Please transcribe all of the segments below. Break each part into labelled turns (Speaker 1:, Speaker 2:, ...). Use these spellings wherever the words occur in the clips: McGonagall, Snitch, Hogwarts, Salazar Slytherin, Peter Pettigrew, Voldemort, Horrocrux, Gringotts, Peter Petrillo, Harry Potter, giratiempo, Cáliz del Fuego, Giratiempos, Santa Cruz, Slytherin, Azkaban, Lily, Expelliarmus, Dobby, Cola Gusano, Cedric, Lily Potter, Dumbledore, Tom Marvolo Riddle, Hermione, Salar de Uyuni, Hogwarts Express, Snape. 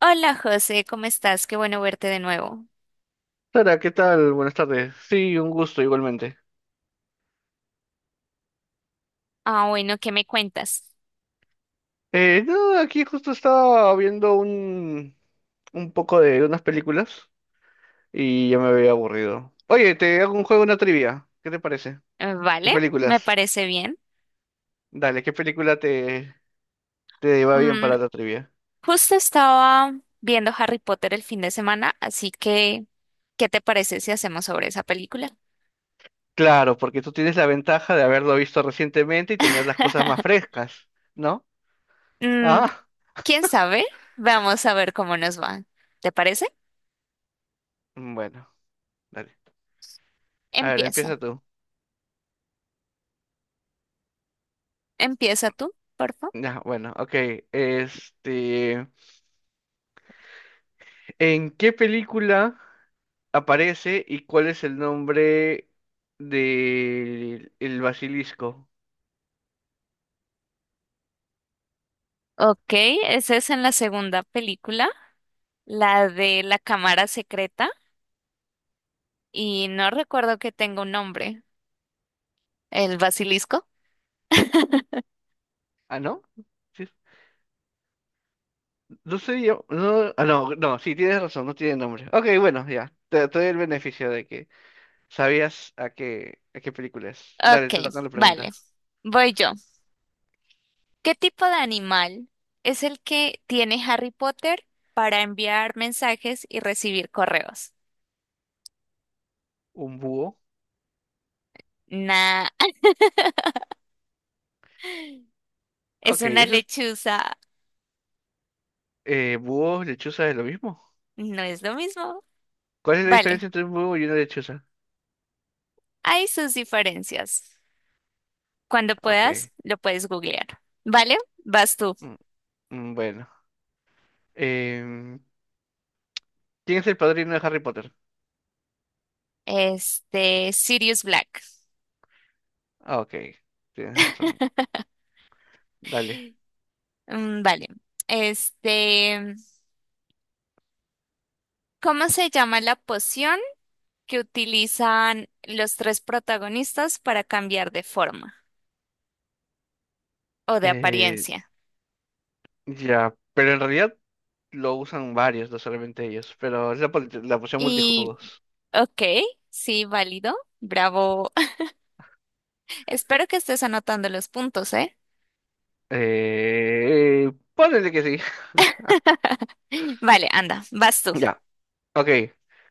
Speaker 1: Hola José, ¿cómo estás? Qué bueno verte de nuevo.
Speaker 2: Sara, ¿qué tal? Buenas tardes. Sí, un gusto igualmente.
Speaker 1: Ah, bueno, ¿qué me cuentas?
Speaker 2: No, aquí justo estaba viendo un poco de unas películas y ya me había aburrido. Oye, te hago un juego, una trivia. ¿Qué te parece? De
Speaker 1: Vale, me
Speaker 2: películas.
Speaker 1: parece bien.
Speaker 2: Dale, ¿qué te va bien
Speaker 1: Mm,
Speaker 2: para la trivia?
Speaker 1: justo estaba viendo Harry Potter el fin de semana, así que, ¿qué te parece si hacemos sobre esa película?
Speaker 2: Claro, porque tú tienes la ventaja de haberlo visto recientemente y tener las cosas más frescas, ¿no?
Speaker 1: Mm,
Speaker 2: Ah,
Speaker 1: ¿quién sabe? Vamos a ver cómo nos va. ¿Te parece?
Speaker 2: bueno, dale. A ver,
Speaker 1: Empieza.
Speaker 2: empieza tú.
Speaker 1: Empieza tú, por favor.
Speaker 2: Ya, bueno, ok. Este, ¿en qué película aparece y cuál es el nombre del el basilisco?
Speaker 1: Ok, esa es en la segunda película, la de la cámara secreta, y no recuerdo que tenga un nombre. ¿El basilisco?
Speaker 2: Ah, ¿no? Sí, no sé yo. No, no, no, sí, tienes razón, no tiene nombre. Ok, bueno, ya. Te doy el beneficio de que a qué película es. Dale,
Speaker 1: Ok,
Speaker 2: te toca la
Speaker 1: vale.
Speaker 2: pregunta.
Speaker 1: Voy yo. ¿Qué tipo de animal es el que tiene Harry Potter para enviar mensajes y recibir correos?
Speaker 2: ¿Un búho?
Speaker 1: Nah, es
Speaker 2: Ok,
Speaker 1: una
Speaker 2: eso es.
Speaker 1: lechuza.
Speaker 2: ¿Búho, lechuza es lo mismo?
Speaker 1: No es lo mismo.
Speaker 2: ¿Cuál es la
Speaker 1: Vale,
Speaker 2: diferencia entre un búho y una lechuza?
Speaker 1: hay sus diferencias. Cuando puedas,
Speaker 2: Ok.
Speaker 1: lo puedes googlear. ¿Vale? Vas tú.
Speaker 2: mm, bueno. Em, ¿Quién es el padrino de Harry Potter?
Speaker 1: Este, Sirius Black.
Speaker 2: Ah, ok, tienes razón. Dale.
Speaker 1: Mm, vale. Este, ¿cómo se llama la poción que utilizan los tres protagonistas para cambiar de forma o de
Speaker 2: Eh,
Speaker 1: apariencia?
Speaker 2: ya, pero en realidad lo usan varios, no solamente ellos, pero es la opción
Speaker 1: Y,
Speaker 2: multijugos.
Speaker 1: ok, sí, válido, bravo. Espero que estés anotando los puntos, ¿eh?
Speaker 2: Ponele que sí.
Speaker 1: Vale, anda, vas tú.
Speaker 2: Ya, ok.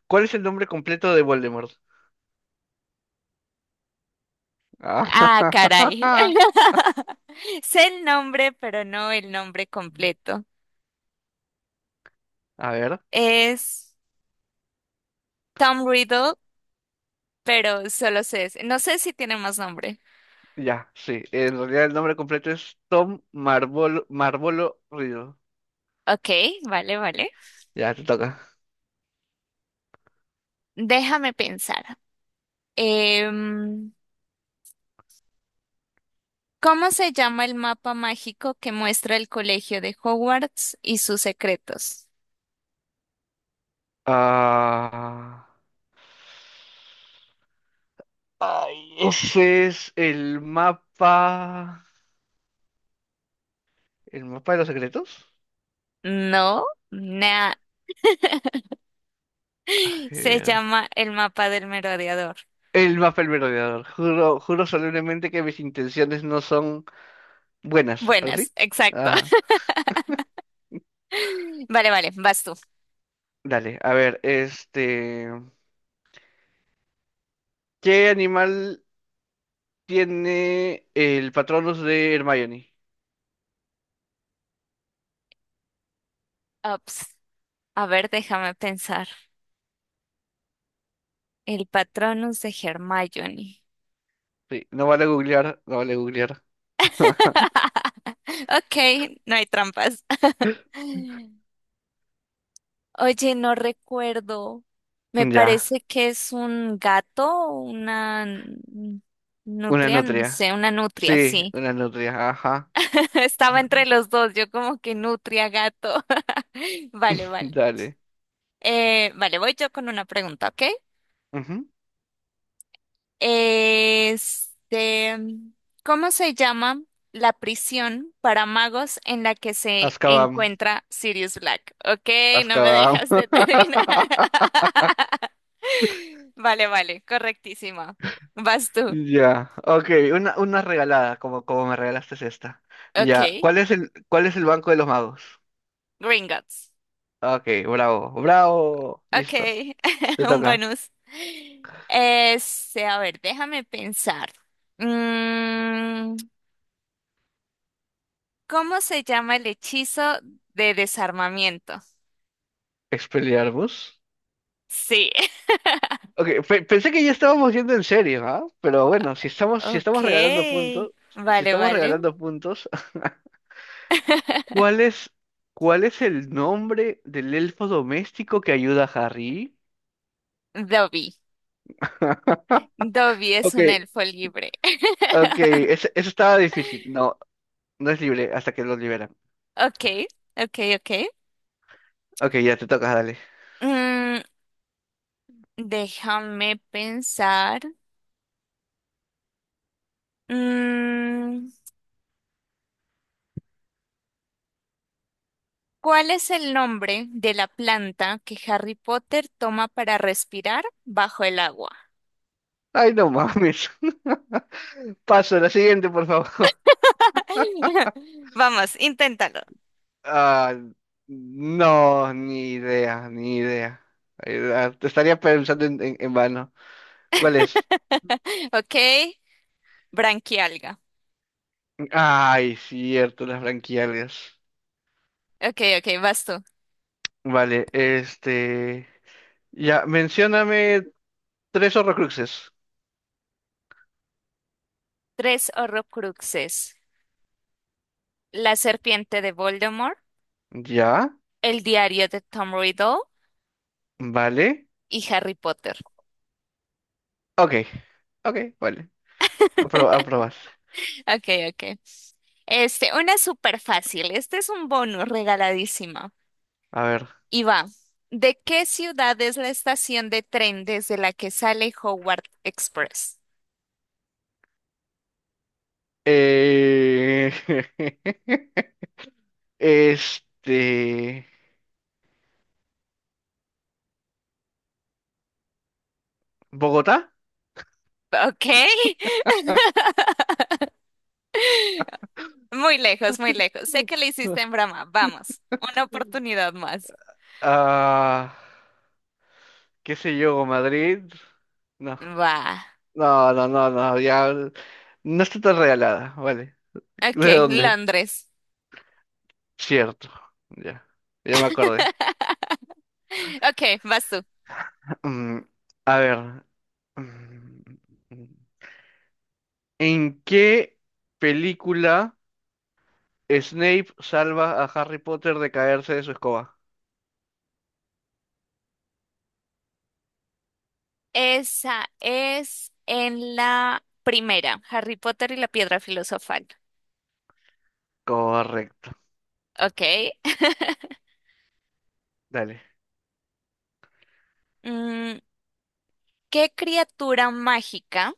Speaker 2: ¿Cuál es el nombre completo de Voldemort? Ah,
Speaker 1: Ah, caray. Sé el nombre, pero no el nombre completo.
Speaker 2: a ver,
Speaker 1: Es Tom Riddle, pero solo sé ese. No sé si tiene más nombre.
Speaker 2: ya, sí. En realidad el nombre completo es Tom Marvolo Riddle.
Speaker 1: Ok, vale, vale.
Speaker 2: Ya, te toca.
Speaker 1: Déjame pensar. Em, ¿Cómo se llama el mapa mágico que muestra el colegio de Hogwarts y sus secretos?
Speaker 2: Ah, ay, ese es el mapa... ¿El mapa de los secretos?
Speaker 1: No, nah. Se
Speaker 2: Eh,
Speaker 1: llama el mapa del merodeador.
Speaker 2: El Mapel Merodeador. Juro, juro solemnemente que mis intenciones no son buenas. ¿Algo
Speaker 1: Buenas,
Speaker 2: así?
Speaker 1: exacto.
Speaker 2: Ajá.
Speaker 1: Vale, vale, vas tú.
Speaker 2: Dale, a ver, este. ¿Qué animal tiene el Patronus de Hermione?
Speaker 1: Ups. A ver, déjame pensar. El Patronus de Hermione.
Speaker 2: Sí, no vale googlear, no vale googlear.
Speaker 1: Ok, no hay trampas. Oye, no recuerdo. Me
Speaker 2: Ya,
Speaker 1: parece que es un gato, una
Speaker 2: una
Speaker 1: nutria, no
Speaker 2: nutria.
Speaker 1: sé, una nutria,
Speaker 2: Sí,
Speaker 1: sí.
Speaker 2: una nutria, ajá.
Speaker 1: Estaba entre los dos, yo como que nutria, gato. Vale, vale.
Speaker 2: Dale.
Speaker 1: Vale, voy yo con una pregunta, ¿ok?
Speaker 2: Ujú.
Speaker 1: Este, ¿cómo se llama la prisión para magos en la que se
Speaker 2: Azkaban,
Speaker 1: encuentra Sirius Black? Ok, no me
Speaker 2: Azkaban.
Speaker 1: dejas de terminar. Vale, vale, correctísima. Vas tú.
Speaker 2: Ya, ok, una regalada, como, como me regalaste esta. Ya,
Speaker 1: Ok.
Speaker 2: ¿cuál es cuál es el banco de los magos?
Speaker 1: Gringotts.
Speaker 2: Ok, bravo, bravo,
Speaker 1: Ok.
Speaker 2: listo, te
Speaker 1: Un
Speaker 2: toca.
Speaker 1: bonus. Este, a ver, déjame pensar. Mm, ¿cómo se llama el hechizo de desarmamiento?
Speaker 2: Expelliarmus.
Speaker 1: Sí.
Speaker 2: Ok, pensé que ya estábamos yendo en serio, ¿ah? Pero bueno, si estamos, si
Speaker 1: Ok.
Speaker 2: estamos regalando puntos, si
Speaker 1: Vale,
Speaker 2: estamos
Speaker 1: vale.
Speaker 2: regalando puntos, ¿cuál cuál es el nombre del elfo doméstico que ayuda a Harry?
Speaker 1: Dobby. Dobby es
Speaker 2: Ok,
Speaker 1: un elfo libre.
Speaker 2: ok, ese estaba difícil, no, no es libre hasta que lo libera.
Speaker 1: Ok, ok, ok.
Speaker 2: Ok, ya te toca dale.
Speaker 1: Mm, déjame pensar. Mm, ¿cuál es el nombre de la planta que Harry Potter toma para respirar bajo el agua?
Speaker 2: Ay, no mames. Paso, la siguiente, por favor.
Speaker 1: Vamos, inténtalo.
Speaker 2: Ah, no, ni idea, ni idea. Te estaría pensando en vano. ¿Cuál es?
Speaker 1: Ok, branquialga.
Speaker 2: Ay, cierto, las branquialias.
Speaker 1: Ok, ok, vas tú.
Speaker 2: Vale, este. Ya, mencióname tres horrocruxes.
Speaker 1: Tres horrocruxes. La serpiente de Voldemort,
Speaker 2: Ya,
Speaker 1: el diario de Tom Riddle
Speaker 2: vale.
Speaker 1: y Harry Potter.
Speaker 2: Ok, ok, vale. Aprobas.
Speaker 1: Ok, ok. Este, una súper fácil. Este es un bonus regaladísima.
Speaker 2: A ver.
Speaker 1: Y va. ¿De qué ciudad es la estación de tren desde la que sale Howard Express?
Speaker 2: Eh... Este, Bogotá,
Speaker 1: Ok. Muy lejos, muy lejos. Sé que lo hiciste en broma. Vamos. Una oportunidad más.
Speaker 2: ah, qué sé yo, Madrid. No,
Speaker 1: Va.
Speaker 2: no, no, no, no, ya no está tan regalada, vale.
Speaker 1: Ok,
Speaker 2: ¿De dónde?
Speaker 1: Londres.
Speaker 2: Cierto, ya, ya me acordé.
Speaker 1: Ok, vas tú.
Speaker 2: Mm, a ver, mm, ¿En qué película Snape salva a Harry Potter de caerse de su escoba?
Speaker 1: Esa es en la primera, Harry Potter y la Piedra Filosofal.
Speaker 2: Correcto,
Speaker 1: Ok.
Speaker 2: dale.
Speaker 1: Mm, ¿qué criatura mágica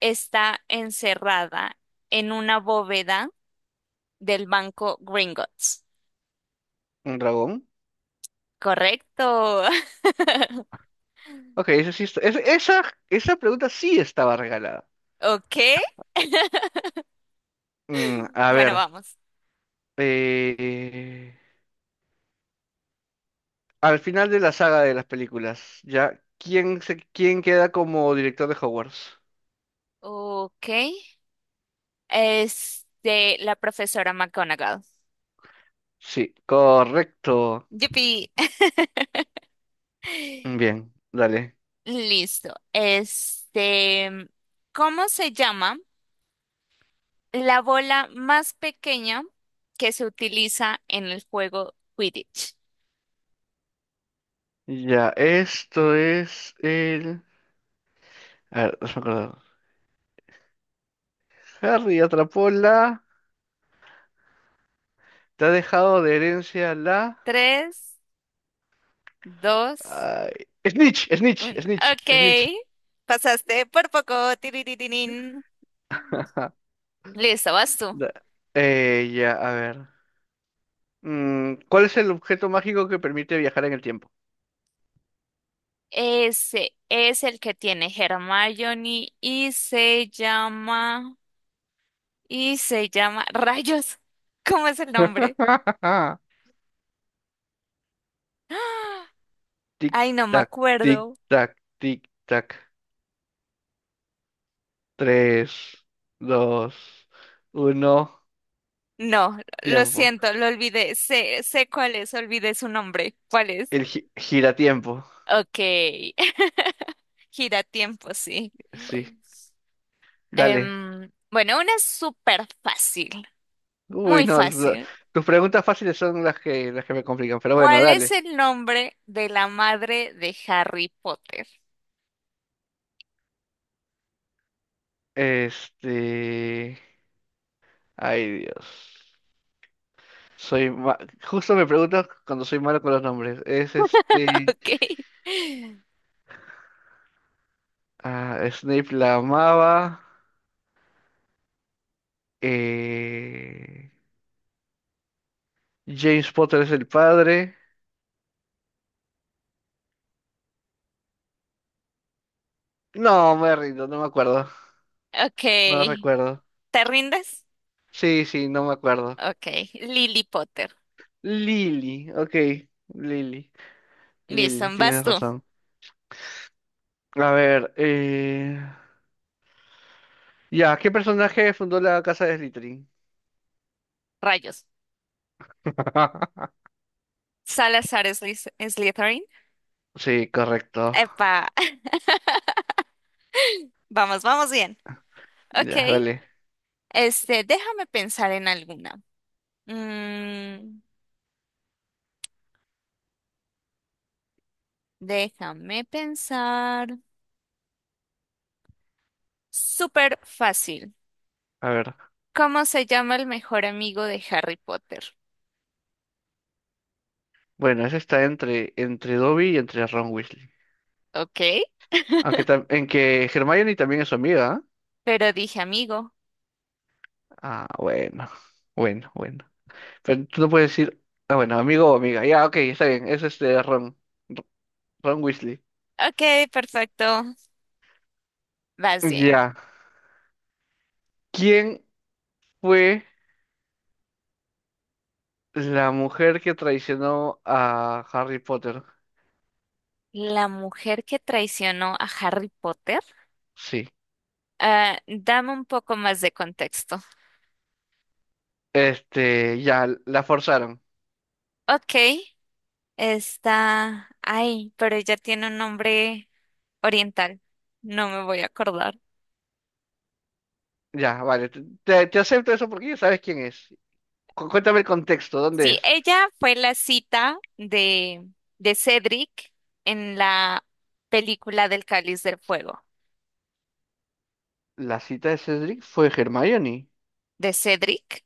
Speaker 1: está encerrada en una bóveda del banco Gringotts?
Speaker 2: ¿Un dragón?
Speaker 1: Correcto.
Speaker 2: Ok, eso sí esa pregunta sí estaba regalada.
Speaker 1: Ok.
Speaker 2: Mm, a
Speaker 1: Bueno,
Speaker 2: ver,
Speaker 1: vamos.
Speaker 2: eh, al final de la saga de las películas, ¿ya? Quién queda como director de Hogwarts?
Speaker 1: Ok. Este, la profesora McGonagall.
Speaker 2: Sí, correcto.
Speaker 1: Yupi.
Speaker 2: Bien, dale.
Speaker 1: Listo. Este, ¿cómo se llama la bola más pequeña que se utiliza en el juego Quidditch?
Speaker 2: Ya, esto es el... A ver, déjame acordar. Harry atrapó la... Te ha dejado de herencia la...
Speaker 1: Tres, dos.
Speaker 2: ay, Snitch, Snitch,
Speaker 1: Uno.
Speaker 2: Snitch,
Speaker 1: Ok.
Speaker 2: Snitch.
Speaker 1: Pasaste por poco. Tiriririrín.
Speaker 2: Ja,
Speaker 1: Listo, vas tú.
Speaker 2: da- ya, a ver. ¿Cuál es el objeto mágico que permite viajar en el tiempo?
Speaker 1: Ese es el que tiene Hermione y se llama. Y se llama. Rayos. ¿Cómo es el nombre? ¡Ah!
Speaker 2: Tic,
Speaker 1: Ay, no me
Speaker 2: tac, tic,
Speaker 1: acuerdo.
Speaker 2: tac, tic, tac. Tres, dos, uno,
Speaker 1: No, lo
Speaker 2: tiempo.
Speaker 1: siento, lo olvidé. Sé cuál es, olvidé su nombre. ¿Cuál es?
Speaker 2: El giratiempo.
Speaker 1: Ok. Gira tiempo, sí.
Speaker 2: Sí, dale.
Speaker 1: Bueno, una es súper fácil.
Speaker 2: Uy,
Speaker 1: Muy
Speaker 2: no,
Speaker 1: fácil.
Speaker 2: tus preguntas fáciles son las que me complican, pero bueno,
Speaker 1: ¿Cuál es
Speaker 2: dale.
Speaker 1: el nombre de la madre de Harry Potter?
Speaker 2: Este... Ay, Dios. Soy ma- Justo me preguntas cuando soy malo con los nombres. Es este...
Speaker 1: Ok.
Speaker 2: Ah, Snape la amaba. Eh, James Potter es el padre. No, me rindo, no me acuerdo. No
Speaker 1: Ok.
Speaker 2: recuerdo.
Speaker 1: ¿Te rindes?
Speaker 2: Sí, sí, no me acuerdo.
Speaker 1: Ok. Lily Potter.
Speaker 2: Lily, ok. Lily,
Speaker 1: Listo,
Speaker 2: Lily,
Speaker 1: vas
Speaker 2: tienes
Speaker 1: tú.
Speaker 2: razón. A ver, eh... ya, ¿qué personaje fundó la casa de Slytherin?
Speaker 1: Rayos. Salazar Slytherin.
Speaker 2: Sí, correcto.
Speaker 1: Epa. Vamos, vamos bien. Ok.
Speaker 2: Ya, dale.
Speaker 1: Este, déjame pensar en alguna. Mm, déjame pensar. Súper fácil.
Speaker 2: A ver.
Speaker 1: ¿Cómo se llama el mejor amigo de Harry Potter?
Speaker 2: Bueno, ese está entre, entre Dobby y entre Ron Weasley.
Speaker 1: Ok.
Speaker 2: En que Hermione también es su amiga.
Speaker 1: Pero dije amigo.
Speaker 2: ¿Ah? Ah, bueno. Bueno, bueno. Pero tú no puedes decir, ah, bueno, amigo o amiga. Ya, ok, está bien. Es este Ron. R- Ron Weasley.
Speaker 1: Ok, perfecto. Vas bien.
Speaker 2: Ya. ¿Quién fue la mujer que traicionó a Harry Potter?
Speaker 1: La mujer que traicionó a Harry Potter.
Speaker 2: Sí.
Speaker 1: Ah, dame un poco más de contexto.
Speaker 2: Este, ya, la forzaron.
Speaker 1: Ok, está... Ay, pero ella tiene un nombre oriental. No me voy a acordar.
Speaker 2: Ya, vale. Te acepto eso porque ya sabes quién es. Cuéntame el contexto, ¿dónde
Speaker 1: Sí,
Speaker 2: es?
Speaker 1: ella fue la cita de Cedric en la película del Cáliz del Fuego.
Speaker 2: La cita de Cedric fue Hermione.
Speaker 1: ¿De Cedric?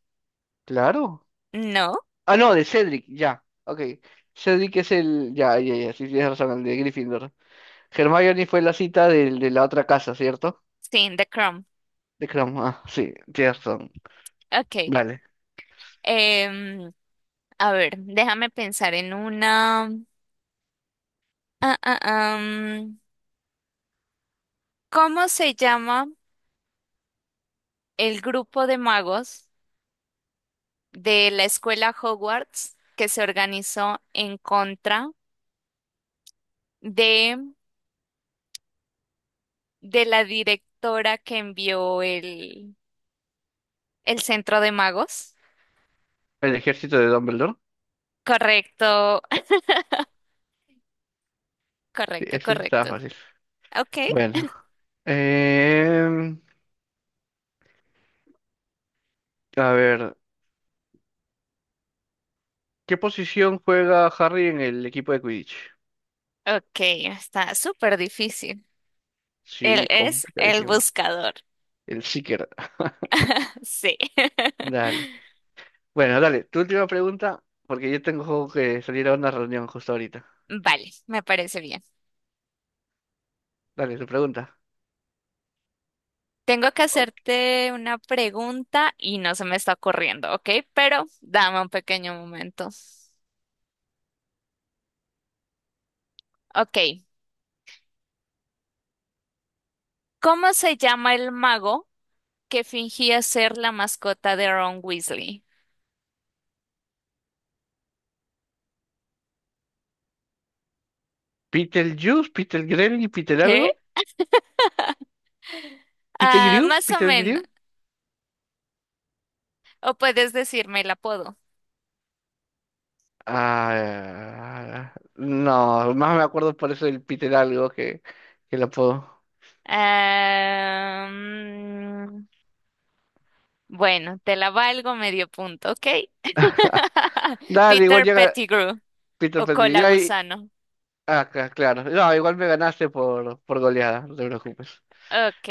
Speaker 2: Claro.
Speaker 1: No.
Speaker 2: Ah, no, de Cedric, ya. Ok. Cedric es el. Ya, ya, ya. Sí, tienes razón, el de Gryffindor. Hermione fue la cita de la otra casa, ¿cierto?
Speaker 1: Sí, en The Crown.
Speaker 2: De Crom, ah, sí, tienes razón.
Speaker 1: Ok.
Speaker 2: Vale.
Speaker 1: Em, A ver, déjame pensar en una. Ah, ah, am. ¿Cómo se llama el grupo de magos de la escuela Hogwarts que se organizó en contra de, de la directora que envió el centro de magos?
Speaker 2: El ejército de Dumbledore.
Speaker 1: Correcto,
Speaker 2: Sí,
Speaker 1: correcto,
Speaker 2: ese sí estaba
Speaker 1: correcto.
Speaker 2: fácil.
Speaker 1: Ok,
Speaker 2: Bueno. Em, a ver, ¿qué posición juega Harry en el equipo de Quidditch?
Speaker 1: ok, está súper difícil. Él
Speaker 2: Sí,
Speaker 1: es el
Speaker 2: complicadísimo.
Speaker 1: buscador.
Speaker 2: El Seeker.
Speaker 1: Sí.
Speaker 2: Dale. Bueno, dale, tu última pregunta, porque yo tengo que salir a una reunión justo ahorita.
Speaker 1: Vale, me parece bien.
Speaker 2: Dale, tu pregunta.
Speaker 1: Tengo que
Speaker 2: Wow.
Speaker 1: hacerte una pregunta y no se me está ocurriendo, ¿ok? Pero dame un pequeño momento. Ok, ¿cómo se llama el mago que fingía ser la mascota de Ron Weasley?
Speaker 2: Peter Peter Green y Peter
Speaker 1: ¿Qué?
Speaker 2: algo? ¿Peter
Speaker 1: Ah,
Speaker 2: Grew?
Speaker 1: más o
Speaker 2: ¿Peter
Speaker 1: menos.
Speaker 2: Grew?
Speaker 1: O puedes decirme el apodo.
Speaker 2: Ah, no, más me acuerdo por eso del Peter algo que lo puedo.
Speaker 1: Ah, mm, bueno, te la valgo medio punto, ¿ok?
Speaker 2: Dale, igual
Speaker 1: Peter
Speaker 2: llega
Speaker 1: Pettigrew
Speaker 2: Peter
Speaker 1: o
Speaker 2: Petrillo.
Speaker 1: Cola Gusano.
Speaker 2: Claro. No, igual me ganaste por goleada, no te preocupes.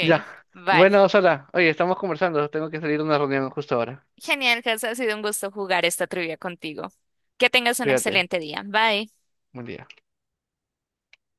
Speaker 2: Ya.
Speaker 1: vale.
Speaker 2: Bueno, Sara, oye, estamos conversando. Tengo que salir a una reunión justo ahora.
Speaker 1: Genial, Gus, ha sido un gusto jugar esta trivia contigo. Que tengas un
Speaker 2: Cuídate.
Speaker 1: excelente día. Bye.
Speaker 2: Buen día.